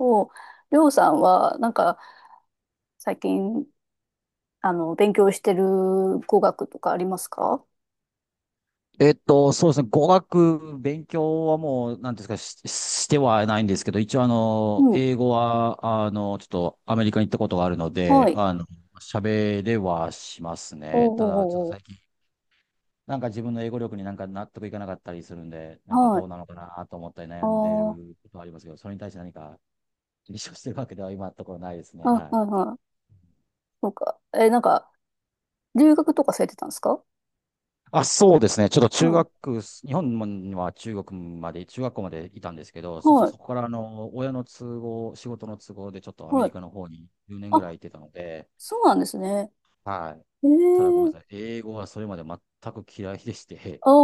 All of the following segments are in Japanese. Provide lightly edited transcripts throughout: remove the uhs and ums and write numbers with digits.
お、りょうさんは、最近、勉強してる語学とかありますか？そうですね。語学勉強はもう、なんていうんですか、してはないんですけど、一応うん。英語は、ちょっとアメリカに行ったことがあるのはで、い。喋れはしますおーね。おーただ、ちょっとおー最近、なんか自分の英語力になんか納得いかなかったりするんで、なんかおーはどい。うなのかなと思ったりあ悩んでーることはありますけど、それに対して何か、立証してるわけでは今のところないですね。あ、ははいはい。いはい。そうか。え、留学とかされてたんですか？あ、そうですね。ちょっと中はい。学、日本には中学まで、中学校までいたんですけど、そ、そ、はい。そこから親の都合、仕事の都合でちょっとアメはリい。カの方に10年ぐらあ、い行ってたので、そうなんですね。はい。えただごめんえ。なさい。英語はそれまで全く嫌いでして、ああ、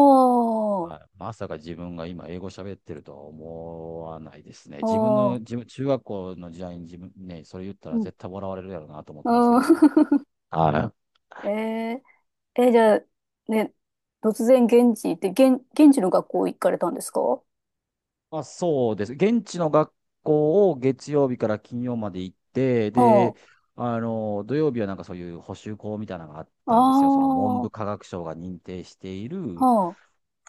あーはい。まさか自分が今英語喋ってるとは思わないですね。あ自分の、ー、自分、中学校の時代に自分ね、それ言ったうらん。絶対笑われるやろうなと思ってますけあどね。あ。はい。えー、え、じゃあ、ね、突然現地行って、現地の学校行かれたんですか？まあ、そうです。現地の学校を月曜日から金曜まで行って、ああ。で、土曜日はなんかそういう補習校みたいなのがあっあたんですよ。その文あ、は部科学省が認定している、あ。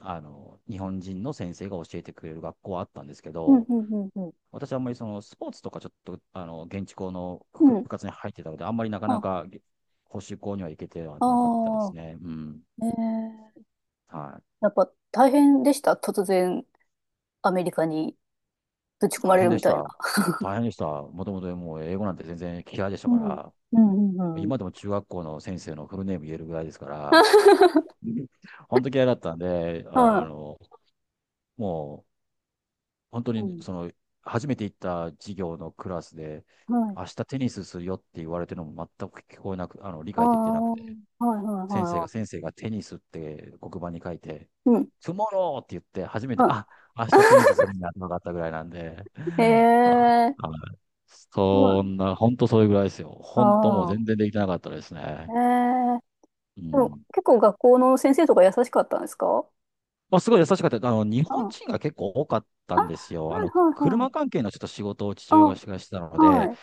日本人の先生が教えてくれる学校はあったんですけうん、ど、うん、うん、うん。私はあんまりそのスポーツとかちょっと、現地校のう部ん。部活に入ってたので、あんまりなかなあ、か補習校には行けてはなかったでああ、すね。うん。ええ。はい。やっぱ大変でした。突然アメリカにぶち込ま大れ変るでみしたいな。た。大変でした。もともともう英語なんて全然嫌いでしたうかん。ら。うん、うん、うん。今でも中学校の先生のフルネーム言えるぐらいですから、本当嫌いだったんで、はもう、本当い。うに、ん。初めて行った授業のクラスで、はい。明日テニスするよって言われてるのも全く聞こえなく、理ああ、解できてなくはて、い、はい、先はい、生が、は先生がテニスって黒板に書いて、い。うん。トゥモローって言って、初めて、はい。あ、明日テニ スするんだって分かったぐらいなんで、ええ。はい、はそい。んな、本当それぐらいですよ。あ本当もう全あ。然できてなかったですえね。え。うでもん。結構学校の先生とか優しかったんですか？あ、すごい優しかった。日ああ、本は人が結構多かったい、んですよ。はい、はい。車関係のちょっと仕事を父あ、親がしてたのはい、はで、い、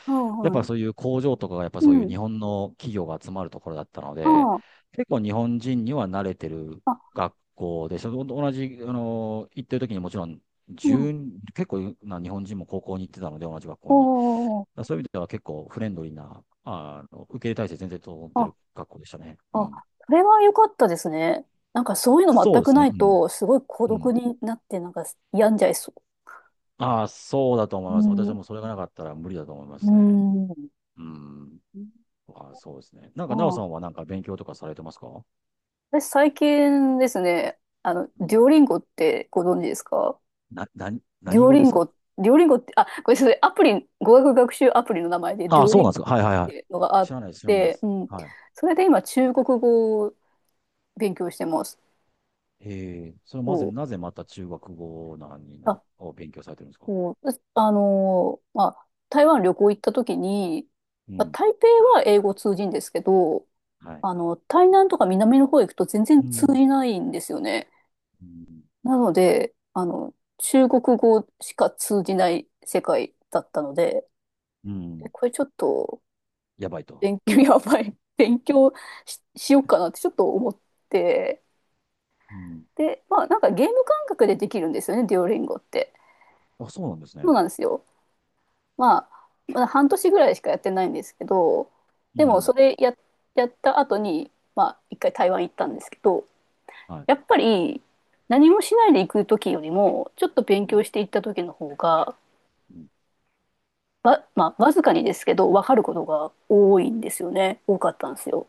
やっはぱそうい。いう工場とかが、やっぱうそういうん。日本の企業が集まるところだったので、あ結構日本人には慣れてるあ、あ、学校で、その同じ、行ってる時にもちろん、1うん。結構な日本人も高校に行ってたので、同じ学校に。だおー、からそういう意味では結構フレンドリーな、受け入れ体制全然整ってあ、る学校でしたね。うあ、ん。それは良かったですね。なんかそういうのそ全うでくすなね。いうん、と、すごい孤うん。独になって、なんか病んじゃいそああ、そうだと思いう。うます。私はん、もうそれがなかったら無理だと思いまうすね。ん。うん。ああ、そうですね。なんあか、なおさあ、んはなんか勉強とかされてますか？私最近ですね、うデん。ュオリンゴってご存知ですか？な、な、デュ何オ語リでンすゴ、か？デュオリンゴって、あ、ごめんなさい、アプリ、語学学習アプリの名前でデあュあ、オそリうンゴなんですか。はいはいっはていうのがあい。知っらないです、知らないでて、す。うん。はい。それで今中国語を勉強してます。ええ、それまず、そう。なぜまた中学語なんにな、あ、を勉強されてるんですか？もう、まあ、台湾旅行行った時に、うまあ、ん。台北は英あ語通じんですけど、あ、はい。台南とか南の方行くと全う然通ん。じないんですよね。うん。なので、中国語しか通じない世界だったので、うえん。これちょっとやばいと。勉強 やばい。勉強し、しようかなってちょっと思って。うん。で、まあなんかゲーム感覚でできるんですよね、デュオリンゴって。あ、そうなんですそうね。なんですよ。まあ、まだ半年ぐらいしかやってないんですけど、うでもん。それや、やった後に、まあ、一回台湾行ったんですけど、はやい。っぱり何もしないで行く時よりも、ちょっとう勉強ん。して行った時の方が、うん。まあ、わずかにですけど、分かることが多いんですよね。多かったんですよ。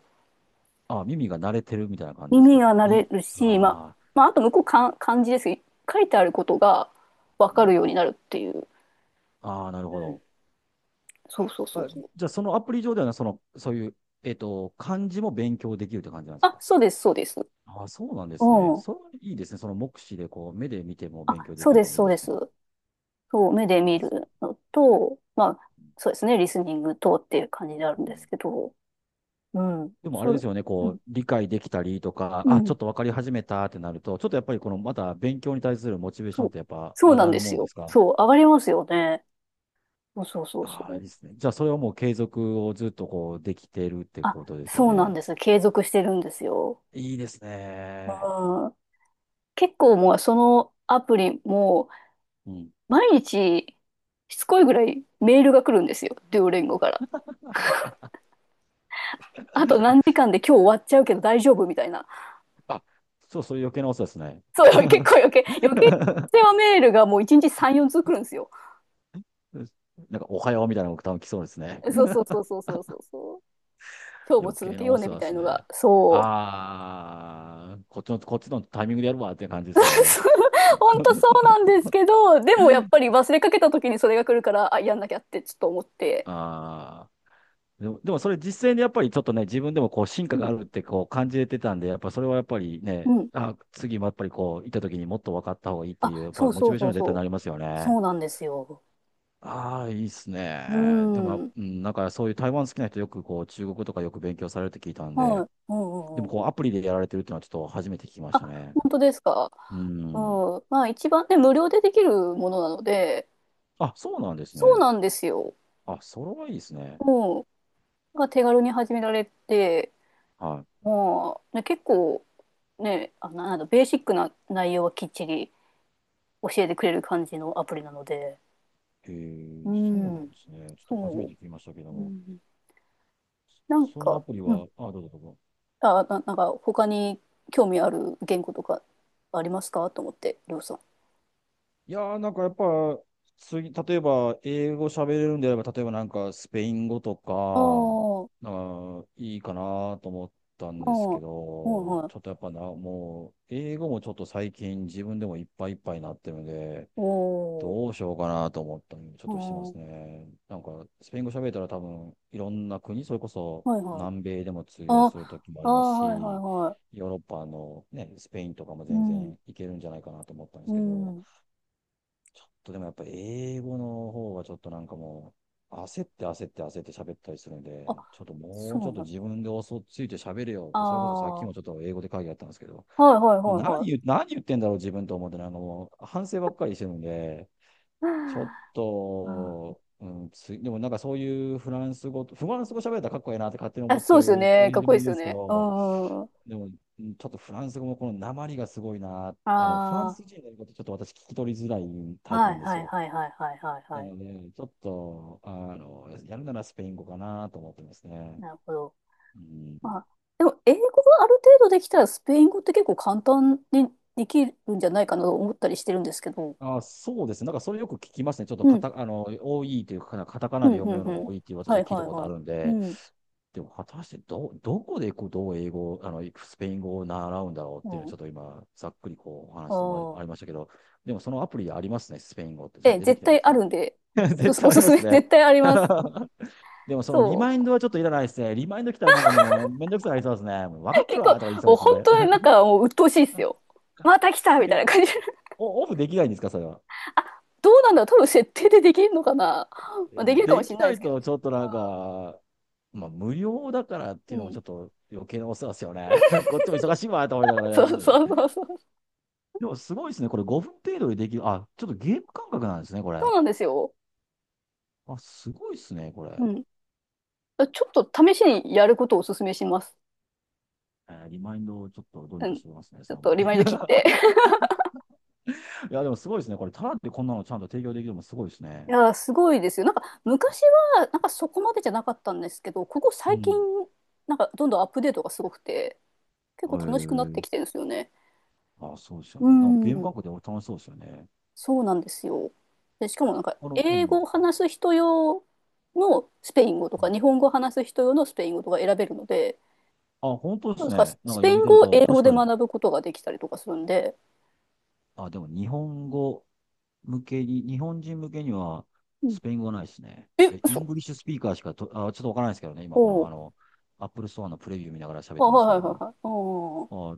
ああ、耳が慣れてるみたいな感じです耳がか慣に、れるし、まあ、ああ。まあ、あと向こう漢字ですけど、書いてあることが分うかるん。ようになるっていう。ああ、なるほど。そうそうそうあ、そう。じゃあ、そのアプリ上ではね、その、そういう、漢字も勉強できるって感じなんですあ、か？そうです、そうです。ああ、そうなんでうすね。ん。それはいいですね。その目視で、こう、目で見てもあ、勉強でそきうるっでていうす、のはいいそうでですす。ね。そう、目であ見あ、そるのと、まあ、う。そうですね、リスニングとっていう感じであうるんですん、けど、うん、でも、あれそでれ、すよね、うこう、ん、理解できたりとか、うあ、ちん、ょっと分かり始めたってなると、ちょっとやっぱり、この、また勉強に対するモチベーショそンっう、てやっぱそう上なんがるですもんでよ。すか？そう、上がりますよね。そうそうそうそああ、いいう。ですね。じゃあ、それはもう継続をずっと、こう、できてるってあ、ことですよそうなんね。です。継続してるんですよ。いいですね。うん、結構もうそのアプリもうん。毎日しつこいぐらいメールが来るんですよ。デュオレンゴから。あと何時間で今日終わっちゃうけど大丈夫みたいな。あ、そう、そういう余計なお世話ですね。そう、結構余計、世 話メールがもう1日3、4通来るんですよ。なんか、おはようみたいなのが多分来そうですね。そうそうそうそうそうそうそう。今日も余続計けなよおうね世み話でたいすのね。が、そう。ああ、こっちの、こっちのタイミングでやるわって感じ ですけそど。う本当そうなんですけど、でもやっぱり忘れかけた時にそれが来るから、あ、やんなきゃってちょっと思って。ああ、でも、でもそれ実践でやっぱりちょっとね、自分でもこう進化うがあん。るってこう感じれてたんで、やっぱそれはやっぱりうね、ん。あ、次もやっぱりこう、行った時にもっと分かった方がいいってあ、いう、やっぱそりうモチそうベーショそンうに絶対そなりますよう。そね。うなんですよ。ああ、いいっすうね。でも、ん。うん、なんかそういう台湾好きな人よくこう、中国とかよく勉強されるって聞いたんはで、い。うでんうもんうこん。うアプリでやられてるっていうのはちょっと初めて聞きましあ、たね。本当ですか。ううん。ん。まあ一番ね、無料でできるものなので、あ、そうなんですそうね。なんですよ。あ、それはいいですね。うん。が手軽に始められて、はまあ、ね、結構、ね、あのなんだベーシックな内容はきっちり教えてくれる感じのアプリなので、い。うへえ、そうなんん、ですね。ちょっと初めそて聞きましたけどう、うも。ん。なんそのアか、プリうん、は、あ、どうぞどうぞ。なんか他に興味ある言語とかありますかと思って、りょうさん。あいやー、なんかやっぱ、次、例えば、英語喋れるんであれば、例えばなんか、スペイン語とか、あ、なんか、いいかなと思ったんああ、ですはいけど、はちょっい。とやっぱな、もう、英語もちょっと最近自分でもいっぱいいっぱいになってるんで、おお、どうしようかなと思ったりちょあっとしてまあ、すね。なんか、スペイン語喋ったら多分、いろんな国、それこそはいはい。南米でも通用あ、する時もあああ、りますはいはいし、はヨーロッパのね、スペインとかもい。う全ん、然いけるんじゃないかなと思ったんでうすけど、ん。ちょっとでもやっぱ英語の方がちょっとなんかもう、焦って焦って焦って喋ったりするんで、あ、ちょっともそうちょっうとなの。自分で嘘をついて喋れよって、それこそさっきあもあ、ちょっと英語で会議やったんですけど、はいはいもうはい何はい。言う、何言ってんだろう自分と思って、なんかもう反省ばっかりしてるんで、ちょっ あ。あと、うん、つい、でもなんかそういうフランス語と、フランス語喋れたらかっこいいなって勝手にあ、思っそてうですよる、あね。れかっでこいもいでいいんすでよすけね。うど、んうんうん。でも、うん、ちょっとフランス語もこの訛りがすごいな、フランあス人の言うことちょっと私聞き取りづらいタあ、イプはないんですはいよ。はいはいはいはいはない。ので、ちょっと、やるならスペイン語かなと思ってますね。なるほど。うん。まあ、でも、英語がある程度できたら、スペイン語って結構簡単にできるんじゃないかなと思ったりしてるんですけど。あ、そうですね。なんかそれよく聞きますね。ちょっとうカん、タ、多いというか、カタカうナでん、読うむん、ようなうのがん。多いっていう私ははい聞いはたいことはあい。るんうで、ん、でも果たしてどこでこうどう英語、スペイン語を習うんだろうっうていうのはちん。ょっと今、ざっくりこうお話ともあありあ。ましたけど、でもそのアプリでありますね、スペイン語ってちゃんとえ、出てき絶てま対すあね。るんで、絶お対ありすすまめすね。絶対あります。でもそのリそマイう。ンドはちょっといらないですね。リマインド来たらなんかもうめんどくさくなりそうですね。もう分かって結る構、わとか言いそうもうですよ本ね。当になんかもう鬱陶しいっすよ。また来たみたえ、いな感じ。オオフできないんですか、それは？どうなんだろう多分設定でできるのかな、まあ、できるかもでしれきないなですいけどとね。ちょっとなんか、まあ無料だからってういうのもん。ちょっと余計なお世話ですよね。こっちも忙しいわと思いながら やそりうまそすうよね。そうそう。でもすごいですね。これ5分程度でできる。あ、ちょっとゲーム感覚なんですね、こそれ。うなんですよ。あ、すごいですね、こうれ。ん。ちょっと試しにやることをお勧めします。えーリマインドをちょっとどううにかん。しちておきますね、ょそっのと前リに。マ インド切って。いや、でもすごいですね。これ、タラってこんなのちゃんと提供できるのもすごいですいね。やー、すごいですよ。なんか昔は、なんかそこまでじゃなかったんですけど、ここう最近、ん。なんかどんどんアップデートがすごくて、結へ構楽しくなってきてるえ。んですよね。あ、そうですようね。なんかゲームん。感覚で楽しそうですよね。そうなんですよ。で、しかもなんか、う英ん。語を話す人用のスペイン語とうか、ん、日本語を話す人用のスペイン語とか選べるので、あ、本当でなんですすか、ね。なんスかペ今イ見ンてる語をと、英語確でかに。学ぶことができたりとかするんで、あ、でも日本語向けに、日本人向けにはうん。スペイン語はないですね。え、でイン嘘。グリッシュスピーカーしかと、あ、ちょっとわからないですけどね、今おこのう。アップルストアのプレビュー見ながら喋あ、ってますはけいはいどはも。いはい。ああ、そあ、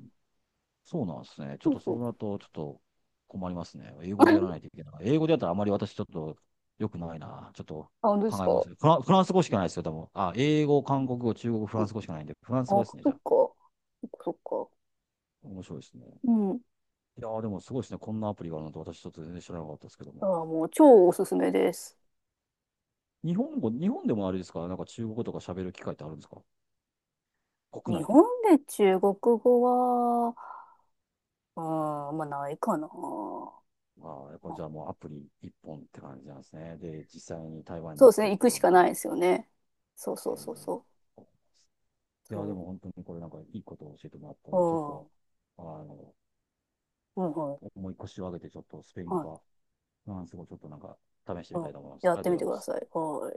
そうなんですね。ちょっうとそそうなう。ると、ちょっと困りますね。英語でやら ないといけない。英語でやったらあまり私ちょっと良くないな。ちょっとあ、本当です考えまか。すね。フランス語しかないですよ、多分。あ、英語、韓国語、中国語、フうラん。ンス語しかないんで、フランス語あ、ですね、そじっゃか。あ。そっかそっか。面白いですね。うん。いやーでもすごいですね。こんなアプリがあるのと私ちょっと全然知らなかったですけどあ、も。もう超おすすめです。日本語、日本でもあれですかなんか中国語とか喋る機会ってあるんですか？国日内で。本で中国語は、うん、まあないかな。ああ、やっぱじゃあもうアプリ一本って感じなんですね。で、実際に台湾にそ行うでっすてね。っ行てくこしとでかすなね。いですよね。そうそうえそうー、そう。いや、でそもう。本当にこれなんかいいことを教えてもらったうんで、ちょっん。と、あの、うん、はい。重い腰を上げてちょっとスペイン語はか、フランス語ちょっとなんか試してい。うみたん。いと思います。やありっがてとうみごてざいくまだす。さい。はい。